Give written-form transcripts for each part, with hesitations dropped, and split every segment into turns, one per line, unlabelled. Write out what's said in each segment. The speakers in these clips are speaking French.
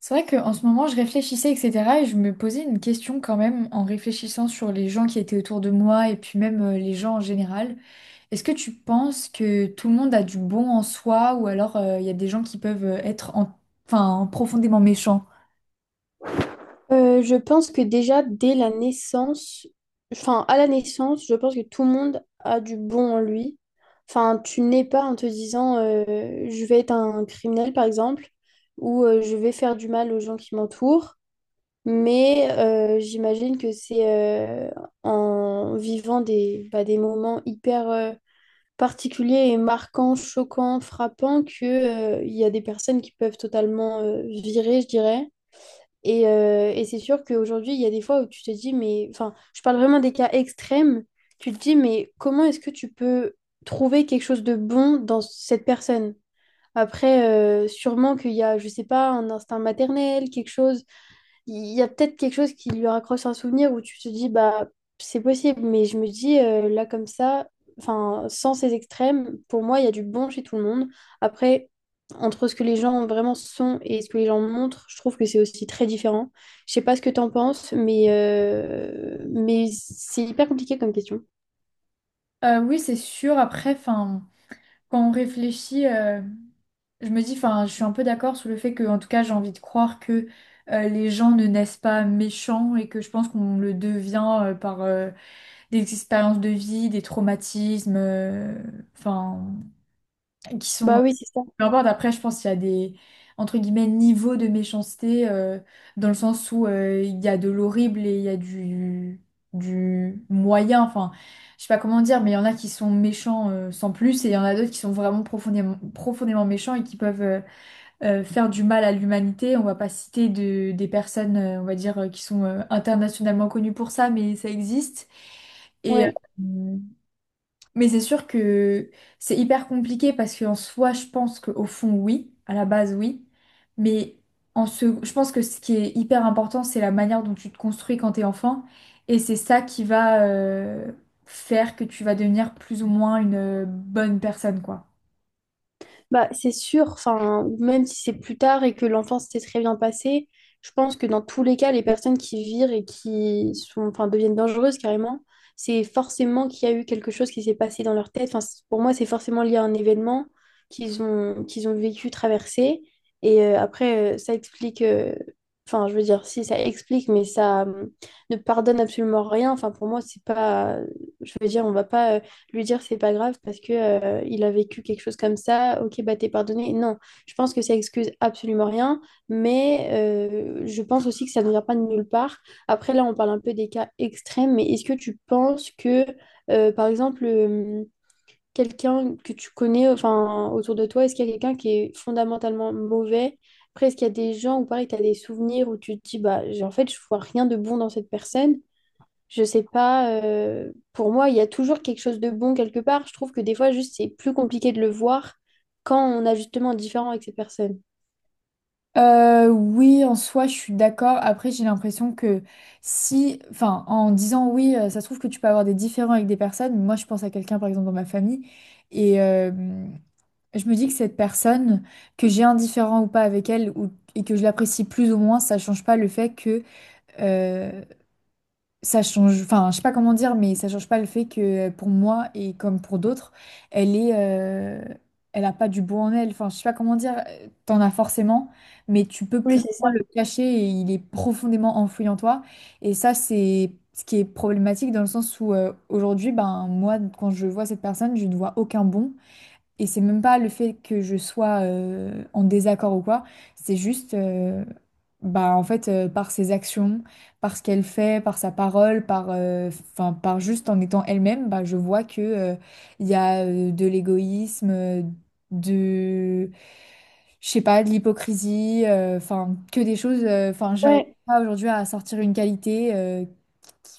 C'est vrai qu'en ce moment, je réfléchissais, etc. Et je me posais une question quand même en réfléchissant sur les gens qui étaient autour de moi et puis même les gens en général. Est-ce que tu penses que tout le monde a du bon en soi ou alors il y a des gens qui peuvent enfin, profondément méchants?
Je pense que déjà dès la naissance, enfin à la naissance, je pense que tout le monde a du bon en lui. Enfin, tu n'es pas en te disant je vais être un criminel par exemple, ou je vais faire du mal aux gens qui m'entourent. Mais j'imagine que c'est en vivant bah, des moments hyper particuliers et marquants, choquants, frappants, que, il y a des personnes qui peuvent totalement virer, je dirais. Et c'est sûr qu'aujourd'hui, il y a des fois où tu te dis, mais, enfin, je parle vraiment des cas extrêmes, tu te dis, mais comment est-ce que tu peux trouver quelque chose de bon dans cette personne? Après, sûrement qu'il y a, je sais pas, un instinct maternel, quelque chose, il y a peut-être quelque chose qui lui raccroche un souvenir où tu te dis, bah, c'est possible, mais je me dis, là, comme ça, enfin, sans ces extrêmes, pour moi, il y a du bon chez tout le monde. Après, entre ce que les gens vraiment sont et ce que les gens montrent, je trouve que c'est aussi très différent. Je sais pas ce que t'en penses, mais c'est hyper compliqué comme question.
Oui, c'est sûr. Après, enfin, quand on réfléchit, je me dis, enfin, je suis un peu d'accord sur le fait que, en tout cas, j'ai envie de croire que les gens ne naissent pas méchants et que je pense qu'on le devient par, des expériences de vie, des traumatismes, enfin, qui sont...
Bah oui, c'est ça.
Peu importe, après, je pense qu'il y a entre guillemets, niveaux de méchanceté, dans le sens où il y a de l'horrible et il y a du moyen, enfin, je sais pas comment dire, mais il y en a qui sont méchants sans plus, et il y en a d'autres qui sont vraiment profondément, profondément méchants et qui peuvent faire du mal à l'humanité. On va pas citer des personnes, on va dire, qui sont internationalement connues pour ça, mais ça existe. Et,
Ouais.
euh, mais c'est sûr que c'est hyper compliqué parce qu'en soi, je pense qu'au fond, oui, à la base, oui. Mais en se... je pense que ce qui est hyper important, c'est la manière dont tu te construis quand t'es enfant. Et c'est ça qui va faire que tu vas devenir plus ou moins une bonne personne, quoi.
Bah, c'est sûr, enfin, même si c'est plus tard et que l'enfance s'est très bien passée, je pense que dans tous les cas, les personnes qui virent et qui sont, enfin, deviennent dangereuses carrément, c'est forcément qu'il y a eu quelque chose qui s'est passé dans leur tête. Enfin, pour moi, c'est forcément lié à un événement qu'ils ont vécu, traversé. Et après, ça explique, enfin, je veux dire, si ça explique, mais ça ne pardonne absolument rien. Enfin, pour moi, c'est pas, je veux dire, on va pas, lui dire c'est pas grave parce que il a vécu quelque chose comme ça, ok, bah t'es pardonné. Non, je pense que ça excuse absolument rien, mais je pense aussi que ça ne vient pas de nulle part. Après, là, on parle un peu des cas extrêmes, mais est-ce que tu penses que, par exemple, quelqu'un que tu connais, enfin, autour de toi, est-ce qu'il y a quelqu'un qui est fondamentalement mauvais? Après, est-ce qu'il y a des gens où, pareil, tu as des souvenirs où tu te dis, bah, en fait, je vois rien de bon dans cette personne, je sais pas, pour moi, il y a toujours quelque chose de bon quelque part. Je trouve que des fois, juste, c'est plus compliqué de le voir quand on a justement un différent avec ces personnes.
Oui, en soi, je suis d'accord. Après, j'ai l'impression que si, enfin, en disant oui, ça se trouve que tu peux avoir des différends avec des personnes. Moi, je pense à quelqu'un, par exemple, dans ma famille, et, euh, je me dis que cette personne, que j'ai un différend ou pas avec elle, ou, et que je l'apprécie plus ou moins, ça change pas le fait que euh, ça change. Enfin, je sais pas comment dire, mais ça change pas le fait que pour moi et comme pour d'autres, elle est, elle a pas du beau en elle. Enfin, je sais pas comment dire. T'en as forcément, mais tu peux
Oui,
plus ou
c'est
moins
ça.
le cacher et il est profondément enfoui en toi. Et ça, c'est ce qui est problématique dans le sens où aujourd'hui, ben moi, quand je vois cette personne, je ne vois aucun bon. Et c'est même pas le fait que je sois en désaccord ou quoi, c'est juste, bah en fait, par ses actions, par ce qu'elle fait, par sa parole, 'fin, par juste en étant elle-même, bah je vois que il y a de l'égoïsme, de, je sais pas, de l'hypocrisie, enfin que des choses, enfin j'arrive
Ouais.
pas aujourd'hui à sortir une qualité,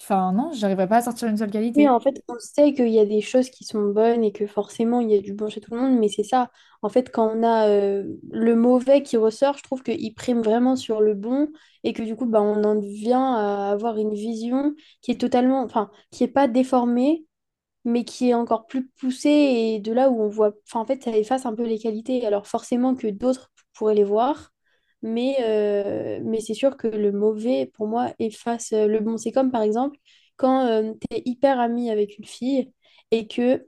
enfin non, j'arriverai pas à sortir une seule
Oui,
qualité.
en fait, on sait qu'il y a des choses qui sont bonnes et que forcément, il y a du bon chez tout le monde, mais c'est ça. En fait, quand on a le mauvais qui ressort, je trouve qu'il prime vraiment sur le bon et que du coup, bah, on en vient à avoir une vision qui est totalement, enfin, qui est pas déformée, mais qui est encore plus poussée et de là où on voit, enfin en fait ça efface un peu les qualités, alors forcément que d'autres pourraient les voir, mais c'est sûr que le mauvais pour moi efface le bon. C'est comme par exemple quand tu es hyper ami avec une fille et que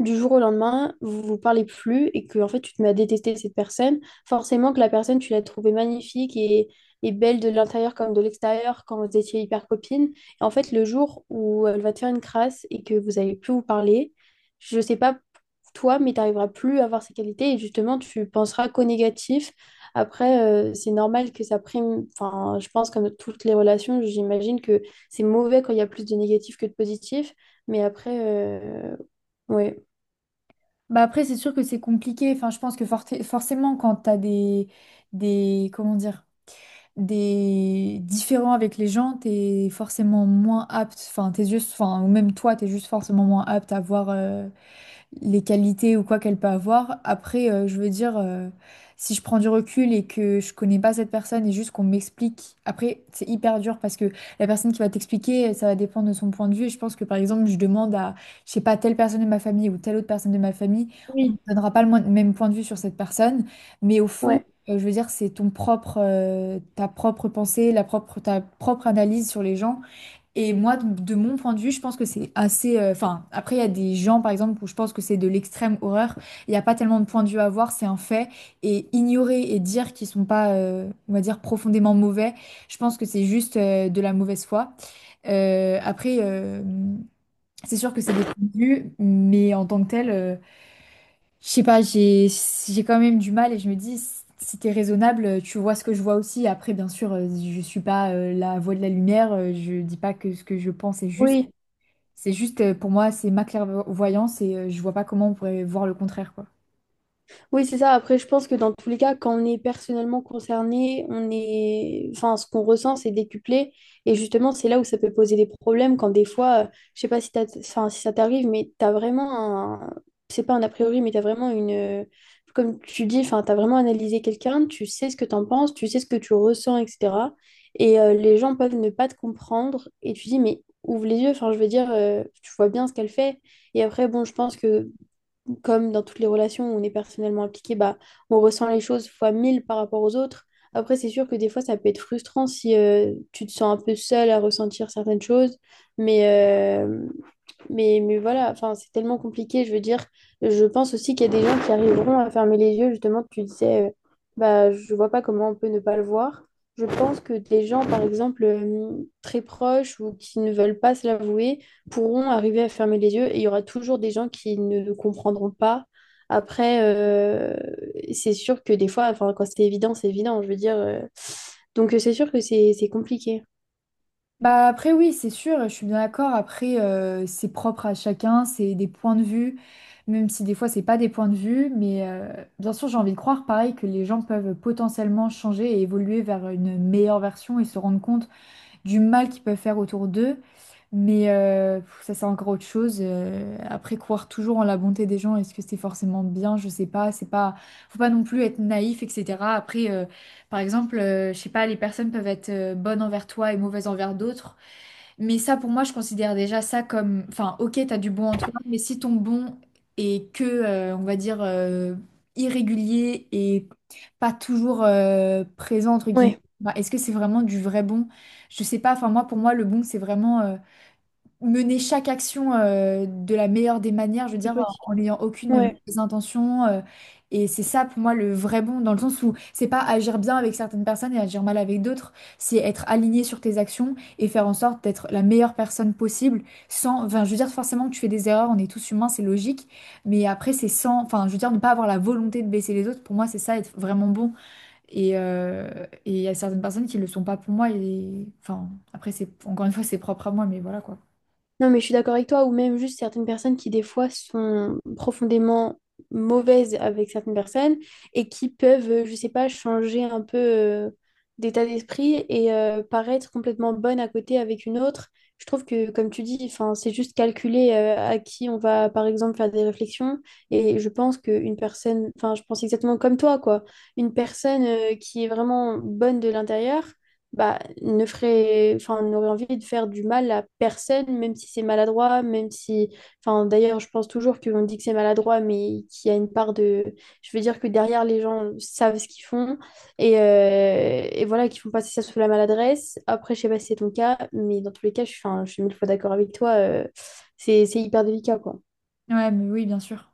du jour au lendemain, vous vous parlez plus et que en fait tu te mets à détester cette personne, forcément que la personne tu l'as trouvée magnifique et belle de l'intérieur comme de l'extérieur quand vous étiez hyper copine. Et en fait le jour où elle va te faire une crasse et que vous allez plus vous parler, je sais pas toi mais tu n'arriveras plus à avoir ses qualités et justement tu penseras qu'au négatif. Après c'est normal que ça prime, enfin je pense comme toutes les relations, j'imagine que c'est mauvais quand il y a plus de négatif que de positif, mais après ouais.
Bah après, c'est sûr que c'est compliqué. Enfin, je pense que forcément, quand t'as comment dire, des différends avec les gens, t'es forcément moins apte. Enfin, tes yeux, enfin, ou même toi, t'es juste forcément moins apte à voir. Les qualités ou quoi qu'elle peut avoir. Après, je veux dire, si je prends du recul et que je connais pas cette personne et juste qu'on m'explique, après, c'est hyper dur parce que la personne qui va t'expliquer, ça va dépendre de son point de vue. Et je pense que par exemple, je demande à, je sais pas, telle personne de ma famille ou telle autre personne de ma famille, on ne
Oui,
donnera pas le même point de vue sur cette personne, mais au fond,
ouais,
je veux dire, c'est ton propre, ta propre pensée, ta propre analyse sur les gens. Et moi, de mon point de vue, je pense que c'est assez. Enfin, après, il y a des gens, par exemple, où je pense que c'est de l'extrême horreur. Il n'y a pas tellement de point de vue à avoir, c'est un fait. Et ignorer et dire qu'ils sont pas, on va dire, profondément mauvais, je pense que c'est juste de la mauvaise foi. Euh, après, euh, c'est sûr que c'est des points de vue, mais en tant que tel, je sais pas, j'ai quand même du mal et je me dis. Si t'es raisonnable, tu vois ce que je vois aussi. Après, bien sûr, je suis pas la voix de la lumière. Je dis pas que ce que je pense est juste.
oui,
C'est juste, pour moi, c'est ma clairvoyance et je vois pas comment on pourrait voir le contraire, quoi.
oui, c'est ça. Après, je pense que dans tous les cas, quand on est personnellement concerné, on est, enfin, ce qu'on ressent, c'est décuplé. Et justement, c'est là où ça peut poser des problèmes quand des fois, je sais pas si enfin, si ça t'arrive, mais t'as vraiment un, c'est pas un a priori, mais t'as vraiment une, comme tu dis, enfin, t'as vraiment analysé quelqu'un, tu sais ce que t'en penses, tu sais ce que tu ressens, etc. Et les gens peuvent ne pas te comprendre. Et tu dis, mais ouvre les yeux. Enfin, je veux dire, tu vois bien ce qu'elle fait. Et après, bon, je pense que comme dans toutes les relations où on est personnellement impliqué, bah, on ressent les choses fois mille par rapport aux autres. Après, c'est sûr que des fois, ça peut être frustrant si tu te sens un peu seul à ressentir certaines choses. Mais, euh, mais voilà, enfin, c'est tellement compliqué. Je veux dire, je pense aussi qu'il y a des gens qui arriveront à fermer les yeux. Justement, tu disais, bah, je vois pas comment on peut ne pas le voir. Je pense que des gens, par exemple, très proches ou qui ne veulent pas se l'avouer, pourront arriver à fermer les yeux et il y aura toujours des gens qui ne le comprendront pas. Après, c'est sûr que des fois, enfin, quand c'est évident, je veux dire. Donc, c'est sûr que c'est compliqué.
Bah après oui, c'est sûr, je suis bien d'accord. Après, c'est propre à chacun, c'est des points de vue, même si des fois c'est pas des points de vue, mais bien sûr j'ai envie de croire pareil que les gens peuvent potentiellement changer et évoluer vers une meilleure version et se rendre compte du mal qu'ils peuvent faire autour d'eux. Mais ça, c'est encore autre chose. Croire toujours en la bonté des gens, est-ce que c'est forcément bien? Je sais pas. C'est pas, faut pas non plus être naïf, etc. Après, par exemple, je sais pas, les personnes peuvent être bonnes envers toi et mauvaises envers d'autres. Mais ça, pour moi, je considère déjà ça comme, enfin, ok, t'as du bon en toi, mais si ton bon est que, on va dire, irrégulier et pas toujours présent, entre guillemets,
Ouais,
bah, est-ce que c'est vraiment du vrai bon? Je sais pas, enfin, moi, pour moi, le bon, c'est vraiment mener chaque action de la meilleure des manières, je veux
c'est
dire,
possible.
en n'ayant aucune
Ouais.
mauvaise intention. Et c'est ça pour moi le vrai bon, dans le sens où c'est pas agir bien avec certaines personnes et agir mal avec d'autres, c'est être aligné sur tes actions et faire en sorte d'être la meilleure personne possible sans, enfin, je veux dire, forcément que tu fais des erreurs, on est tous humains, c'est logique, mais après c'est sans, enfin, je veux dire, ne pas avoir la volonté de baisser les autres, pour moi c'est ça, être vraiment bon. Et il y a certaines personnes qui le sont pas pour moi, et enfin, après c'est, encore une fois, c'est propre à moi, mais voilà quoi.
Non, mais je suis d'accord avec toi, ou même juste certaines personnes qui, des fois, sont profondément mauvaises avec certaines personnes et qui peuvent, je sais pas, changer un peu d'état d'esprit et paraître complètement bonne à côté avec une autre. Je trouve que, comme tu dis, enfin, c'est juste calculer à qui on va, par exemple, faire des réflexions. Et je pense qu'une personne, enfin, je pense exactement comme toi, quoi. Une personne qui est vraiment bonne de l'intérieur, bah, ne ferait, enfin, n'aurait envie de faire du mal à personne, même si c'est maladroit, même si, enfin, d'ailleurs, je pense toujours qu'on dit que c'est maladroit, mais qu'il y a une part de, je veux dire que derrière, les gens savent ce qu'ils font et voilà, qu'ils font passer ça sous la maladresse. Après, je sais pas si c'est ton cas, mais dans tous les cas, je suis, enfin, je suis mille fois d'accord avec toi, c'est hyper délicat, quoi.
Ouais, mais oui, bien sûr.